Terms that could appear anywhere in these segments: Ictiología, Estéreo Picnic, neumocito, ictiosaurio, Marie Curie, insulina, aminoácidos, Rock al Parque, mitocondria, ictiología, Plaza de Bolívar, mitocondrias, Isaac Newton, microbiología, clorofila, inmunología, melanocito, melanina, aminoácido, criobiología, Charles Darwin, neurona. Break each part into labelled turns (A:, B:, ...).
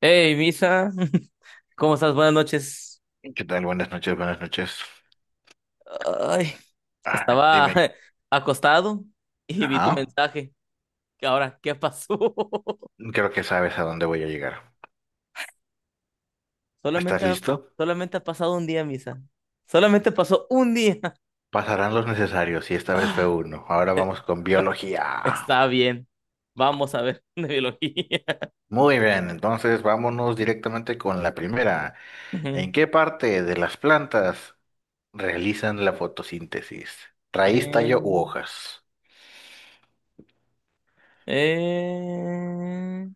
A: Hey, Misa, ¿cómo estás? Buenas noches.
B: ¿Qué tal? Buenas noches, buenas noches.
A: Ay,
B: Ah,
A: estaba
B: dime.
A: acostado y vi tu
B: Ajá.
A: mensaje. ¿Qué ahora? ¿Qué pasó?
B: Creo que sabes a dónde voy a llegar. ¿Estás
A: Solamente, ha-
B: listo?
A: solamente ha pasado un día, Misa. Solamente pasó un día.
B: Pasarán los necesarios y esta vez fue uno. Ahora vamos con biología.
A: Está bien. Vamos a ver de biología.
B: Muy bien, entonces vámonos directamente con la primera. ¿En
A: Ujú.
B: qué parte de las plantas realizan la fotosíntesis? ¿Raíz,
A: Eh,
B: tallo u hojas?
A: eh,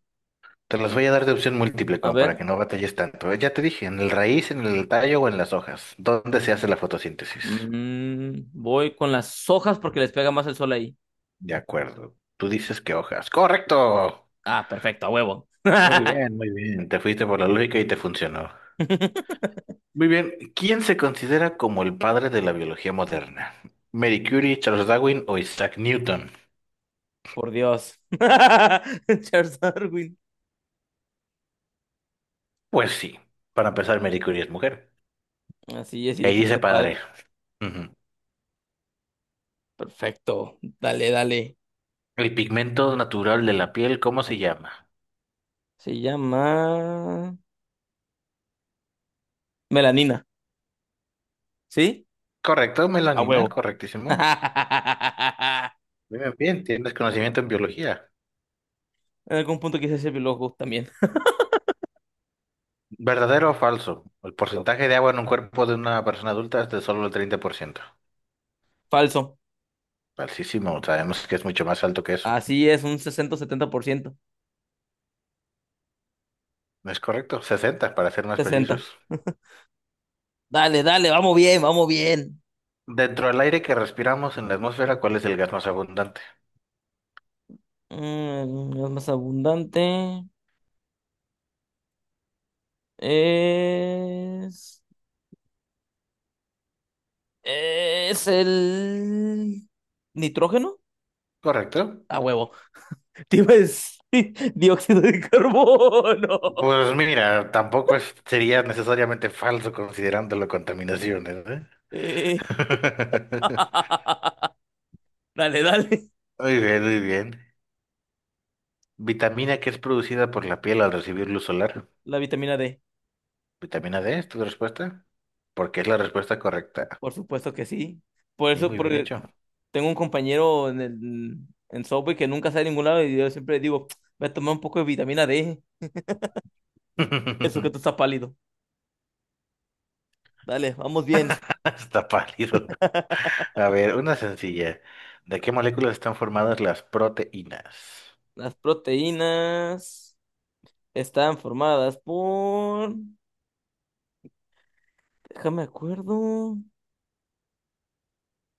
B: Te las voy a dar de opción múltiple
A: a
B: como para
A: ver.
B: que no batalles tanto. Ya te dije, en el raíz, en el tallo o en las hojas. ¿Dónde se hace la fotosíntesis?
A: Voy con las hojas porque les pega más el sol ahí.
B: De acuerdo. Tú dices que hojas. ¡Correcto!
A: Ah, perfecto, a huevo.
B: Muy bien, muy bien. Te fuiste por la lógica y te funcionó. Muy bien. ¿Quién se considera como el padre de la biología moderna? ¿Marie Curie, Charles Darwin o Isaac Newton?
A: Por Dios. Charles Darwin.
B: Pues sí. Para empezar, Marie Curie es mujer.
A: Así es, y
B: Y ahí dice
A: dijiste
B: padre.
A: padre.
B: Ujú.
A: Perfecto. Dale, dale.
B: El pigmento natural de la piel, ¿cómo se llama?
A: Se llama melanina. ¿Sí?
B: Correcto,
A: A
B: melanina,
A: huevo.
B: correctísimo. Muy bien, bien, tienes conocimiento en biología.
A: En algún punto quise ser biólogo también.
B: ¿Verdadero o falso? El porcentaje de agua en un cuerpo de una persona adulta es de solo el 30%.
A: Falso.
B: Altísimo, sabemos que es mucho más alto que eso.
A: Así es, un 60-70%,
B: No es correcto, 60 para ser más
A: sesenta.
B: precisos.
A: Dale, dale, vamos bien, vamos bien.
B: Dentro del aire que respiramos en la atmósfera, ¿cuál es el gas más abundante?
A: Es más abundante. Es. Es el. ¿Nitrógeno?
B: Correcto.
A: A huevo. Te iba a decir dióxido de carbono.
B: Pues mira, tampoco sería necesariamente falso considerando la contaminación, ¿eh?
A: Eh. Dale, dale.
B: Muy bien, muy bien. Vitamina que es producida por la piel al recibir luz solar.
A: La vitamina D,
B: ¿Vitamina D es tu respuesta? Porque es la respuesta correcta.
A: por supuesto que sí. Por
B: Y
A: eso,
B: muy bien
A: porque
B: hecho.
A: tengo un compañero en Subway que nunca sale a ningún lado y yo siempre digo, voy a tomar un poco de vitamina D. Eso que tú estás pálido. Dale, vamos bien.
B: Está pálido. A ver, una sencilla. ¿De qué moléculas están formadas las proteínas?
A: Las proteínas están formadas por. Déjame acuerdo.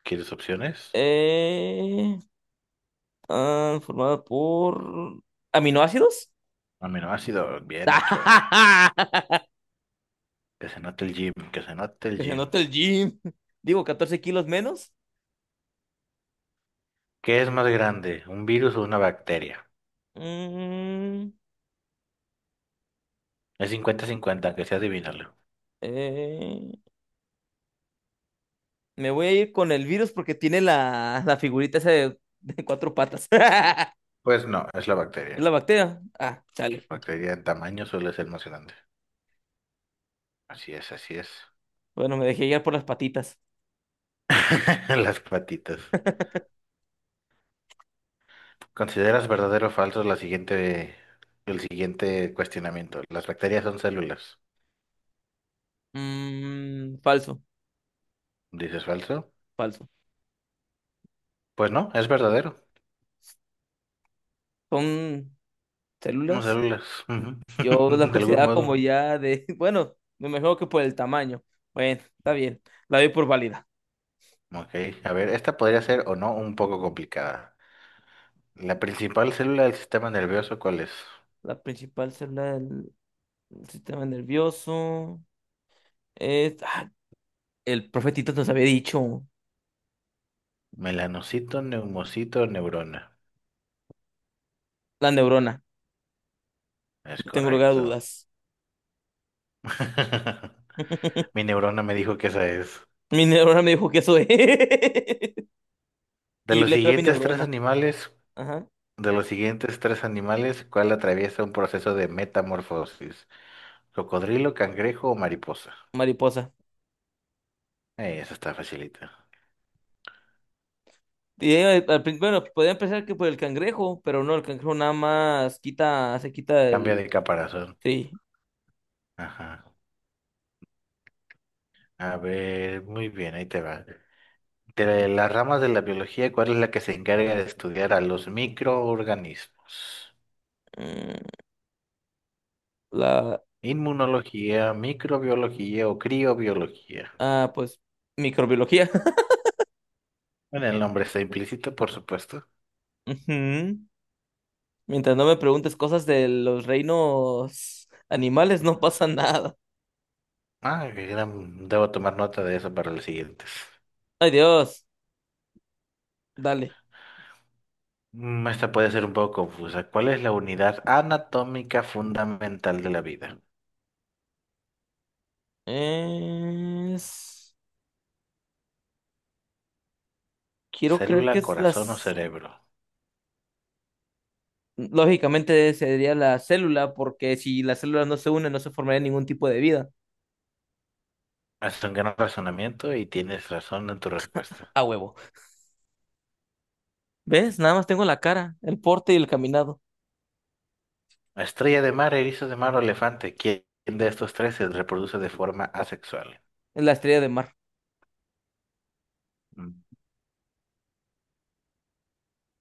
B: ¿Quieres opciones?
A: Eh, están formadas por aminoácidos.
B: Aminoácido, bien hecho. Que se note el gym, que se note el
A: Que se
B: gym.
A: nota el gym. Digo, 14 kilos menos.
B: ¿Qué es más grande, un virus o una bacteria?
A: Mm,
B: Es cincuenta-cincuenta, que sea adivinarlo.
A: eh, me voy a ir con el virus porque tiene la figurita esa de cuatro patas.
B: Pues no, es la
A: Es la
B: bacteria.
A: bacteria. Ah,
B: La
A: sale.
B: bacteria en tamaño suele ser más grande. Así es, así es.
A: Bueno, me dejé guiar por las patitas.
B: Las patitas. ¿Consideras verdadero o falso la siguiente, el siguiente cuestionamiento? ¿Las bacterias son células?
A: Falso,
B: ¿Dices falso?
A: falso.
B: Pues no, es verdadero.
A: Son
B: Unos
A: células.
B: células, ujú.
A: Yo las
B: De algún
A: consideraba como
B: modo.
A: ya de. Bueno, me imagino que por el tamaño. Bueno, está bien. La doy por válida.
B: Ok, a ver, esta podría ser o no un poco complicada. La principal célula del sistema nervioso, ¿cuál es?
A: La principal célula del sistema nervioso. Eh, ah, el profetito nos había dicho
B: Melanocito, neumocito, neurona.
A: la neurona,
B: Es
A: no tengo lugar a
B: correcto.
A: dudas.
B: Mi neurona me dijo que esa es.
A: Mi neurona me dijo que eso es.
B: De
A: Y yo
B: los
A: le creo a mi
B: siguientes tres
A: neurona.
B: animales,
A: Ajá,
B: de los siguientes tres animales, ¿cuál atraviesa un proceso de metamorfosis? ¿Cocodrilo, cangrejo o mariposa?
A: mariposa.
B: Esa está facilita.
A: Y ella, bueno, podían pensar que por el cangrejo, pero no, el cangrejo nada más quita, se quita
B: Cambia
A: el.
B: de caparazón.
A: Sí.
B: Ajá. A ver, muy bien, ahí te va. De las ramas de la biología, ¿cuál es la que se encarga de estudiar a los microorganismos?
A: mm, La.
B: Inmunología, microbiología o criobiología.
A: Ah, pues, microbiología.
B: Bueno, el nombre está implícito, por supuesto.
A: Ujú. Mientras no me preguntes cosas de los reinos animales, no pasa nada.
B: Ah, debo tomar nota de eso para los siguientes.
A: Ay, Dios, dale.
B: Mm, esta puede ser un poco confusa. ¿Cuál es la unidad anatómica fundamental de la vida?
A: Es... Quiero creer
B: ¿Célula,
A: que es
B: corazón o
A: las.
B: cerebro?
A: Lógicamente sería la célula, porque si las células no se unen, no se formaría ningún tipo de vida.
B: Haz un gran razonamiento y tienes razón en tu respuesta.
A: A huevo. ¿Ves? Nada más tengo la cara, el porte y el caminado.
B: A Estrella de mar, erizo de mar o elefante, ¿quién de estos tres se reproduce de forma asexual?
A: Es la estrella de mar.
B: Mm.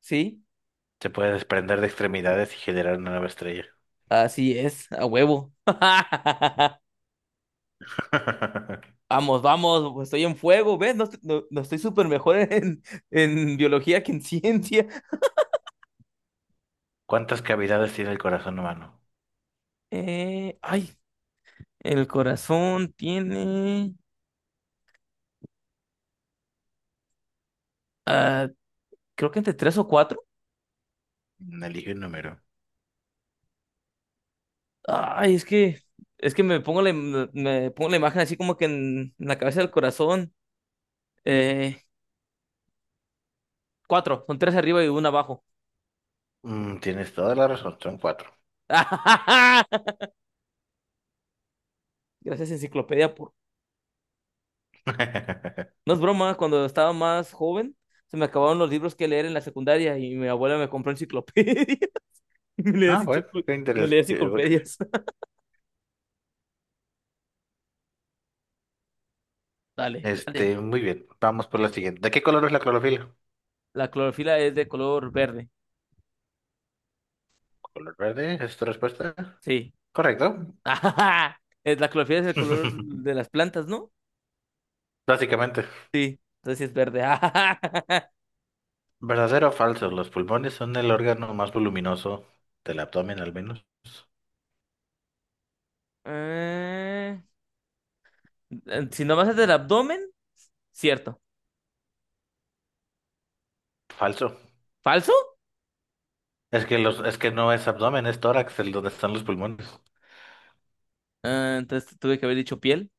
A: ¿Sí?
B: Se puede desprender de extremidades y generar una nueva estrella.
A: Así es, a huevo. Vamos, vamos, estoy en fuego, ¿ves? No, no, no estoy súper mejor en, biología que en ciencia.
B: ¿Cuántas cavidades tiene el corazón humano?
A: Ay, el corazón tiene. Ah, creo que entre tres o cuatro.
B: Mm, elige un número.
A: Ay, es que me pongo la, me pongo la imagen así como que en la cabeza del corazón. Eh, cuatro, son tres arriba y uno abajo.
B: Mm, tienes toda la razón, son cuatro.
A: Gracias, enciclopedia, por. No es broma, cuando estaba más joven, se me acabaron los libros que leer en la secundaria y mi abuela me compró enciclopedia. Y Me leía,
B: Ah, bueno,
A: enciclo-
B: qué
A: me leía
B: interesante.
A: enciclopedias. Dale, dale.
B: Este, muy bien, vamos por la siguiente. ¿De qué color es la clorofila?
A: La clorofila es de color verde.
B: ¿Color verde? ¿Es tu respuesta?
A: Sí.
B: Correcto.
A: La clorofila es el color de las plantas, ¿no?
B: Básicamente.
A: Sí. Entonces sí es verde.
B: ¿Verdadero o falso? Los pulmones son el órgano más voluminoso del abdomen, al menos.
A: Eh, si nomás es del abdomen, cierto.
B: Falso.
A: ¿Falso?
B: Es que es que no es abdomen, es tórax el donde están los pulmones.
A: Ah, entonces tuve que haber dicho piel.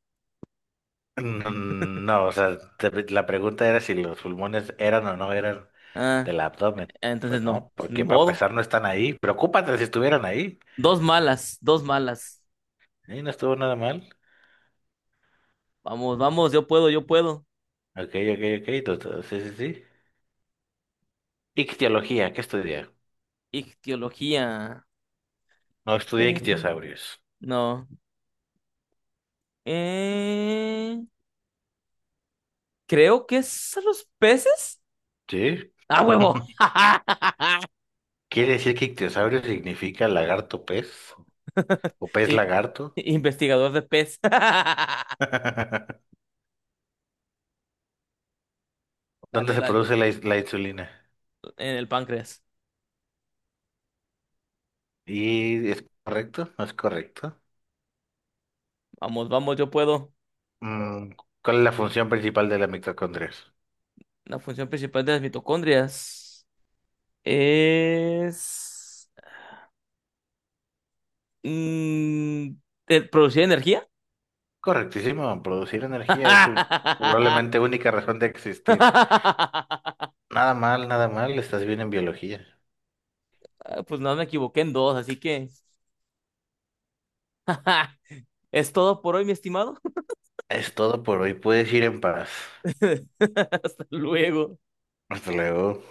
B: No, no, o sea, la pregunta era si los pulmones eran o no eran
A: Ah,
B: del abdomen. Pues
A: entonces no,
B: no,
A: ni
B: porque para
A: modo.
B: empezar no están ahí. Preocúpate si estuvieran ahí.
A: Dos malas, dos malas.
B: Sí, no estuvo nada mal.
A: Vamos, vamos, yo puedo, yo puedo.
B: Ok, ok, ok. Sí, sí, sí. Ictiología, ¿qué estudié?
A: Ictiología.
B: No estudié
A: Eh,
B: ictiosaurios.
A: no. Eh, creo que es a los peces.
B: ¿Sí?
A: ¡Ah, huevo!
B: ¿Quiere decir que ictiosaurio significa lagarto pez o pez
A: I-
B: lagarto?
A: Investigador de pez.
B: ¿Dónde
A: Dale,
B: se produce
A: dale.
B: la insulina?
A: En el páncreas.
B: ¿Y es correcto? ¿No es correcto?
A: Vamos, vamos, yo puedo.
B: Mm, ¿cuál es la función principal de la mitocondria?
A: La función principal de las mitocondrias es mm, producir energía.
B: Correctísimo, producir energía es su probablemente única razón de existir. Nada mal, nada mal, estás bien en biología.
A: Pues no me equivoqué en dos, así que es todo por hoy, mi estimado.
B: Es todo por hoy, puedes ir en paz.
A: Hasta luego.
B: Hasta luego.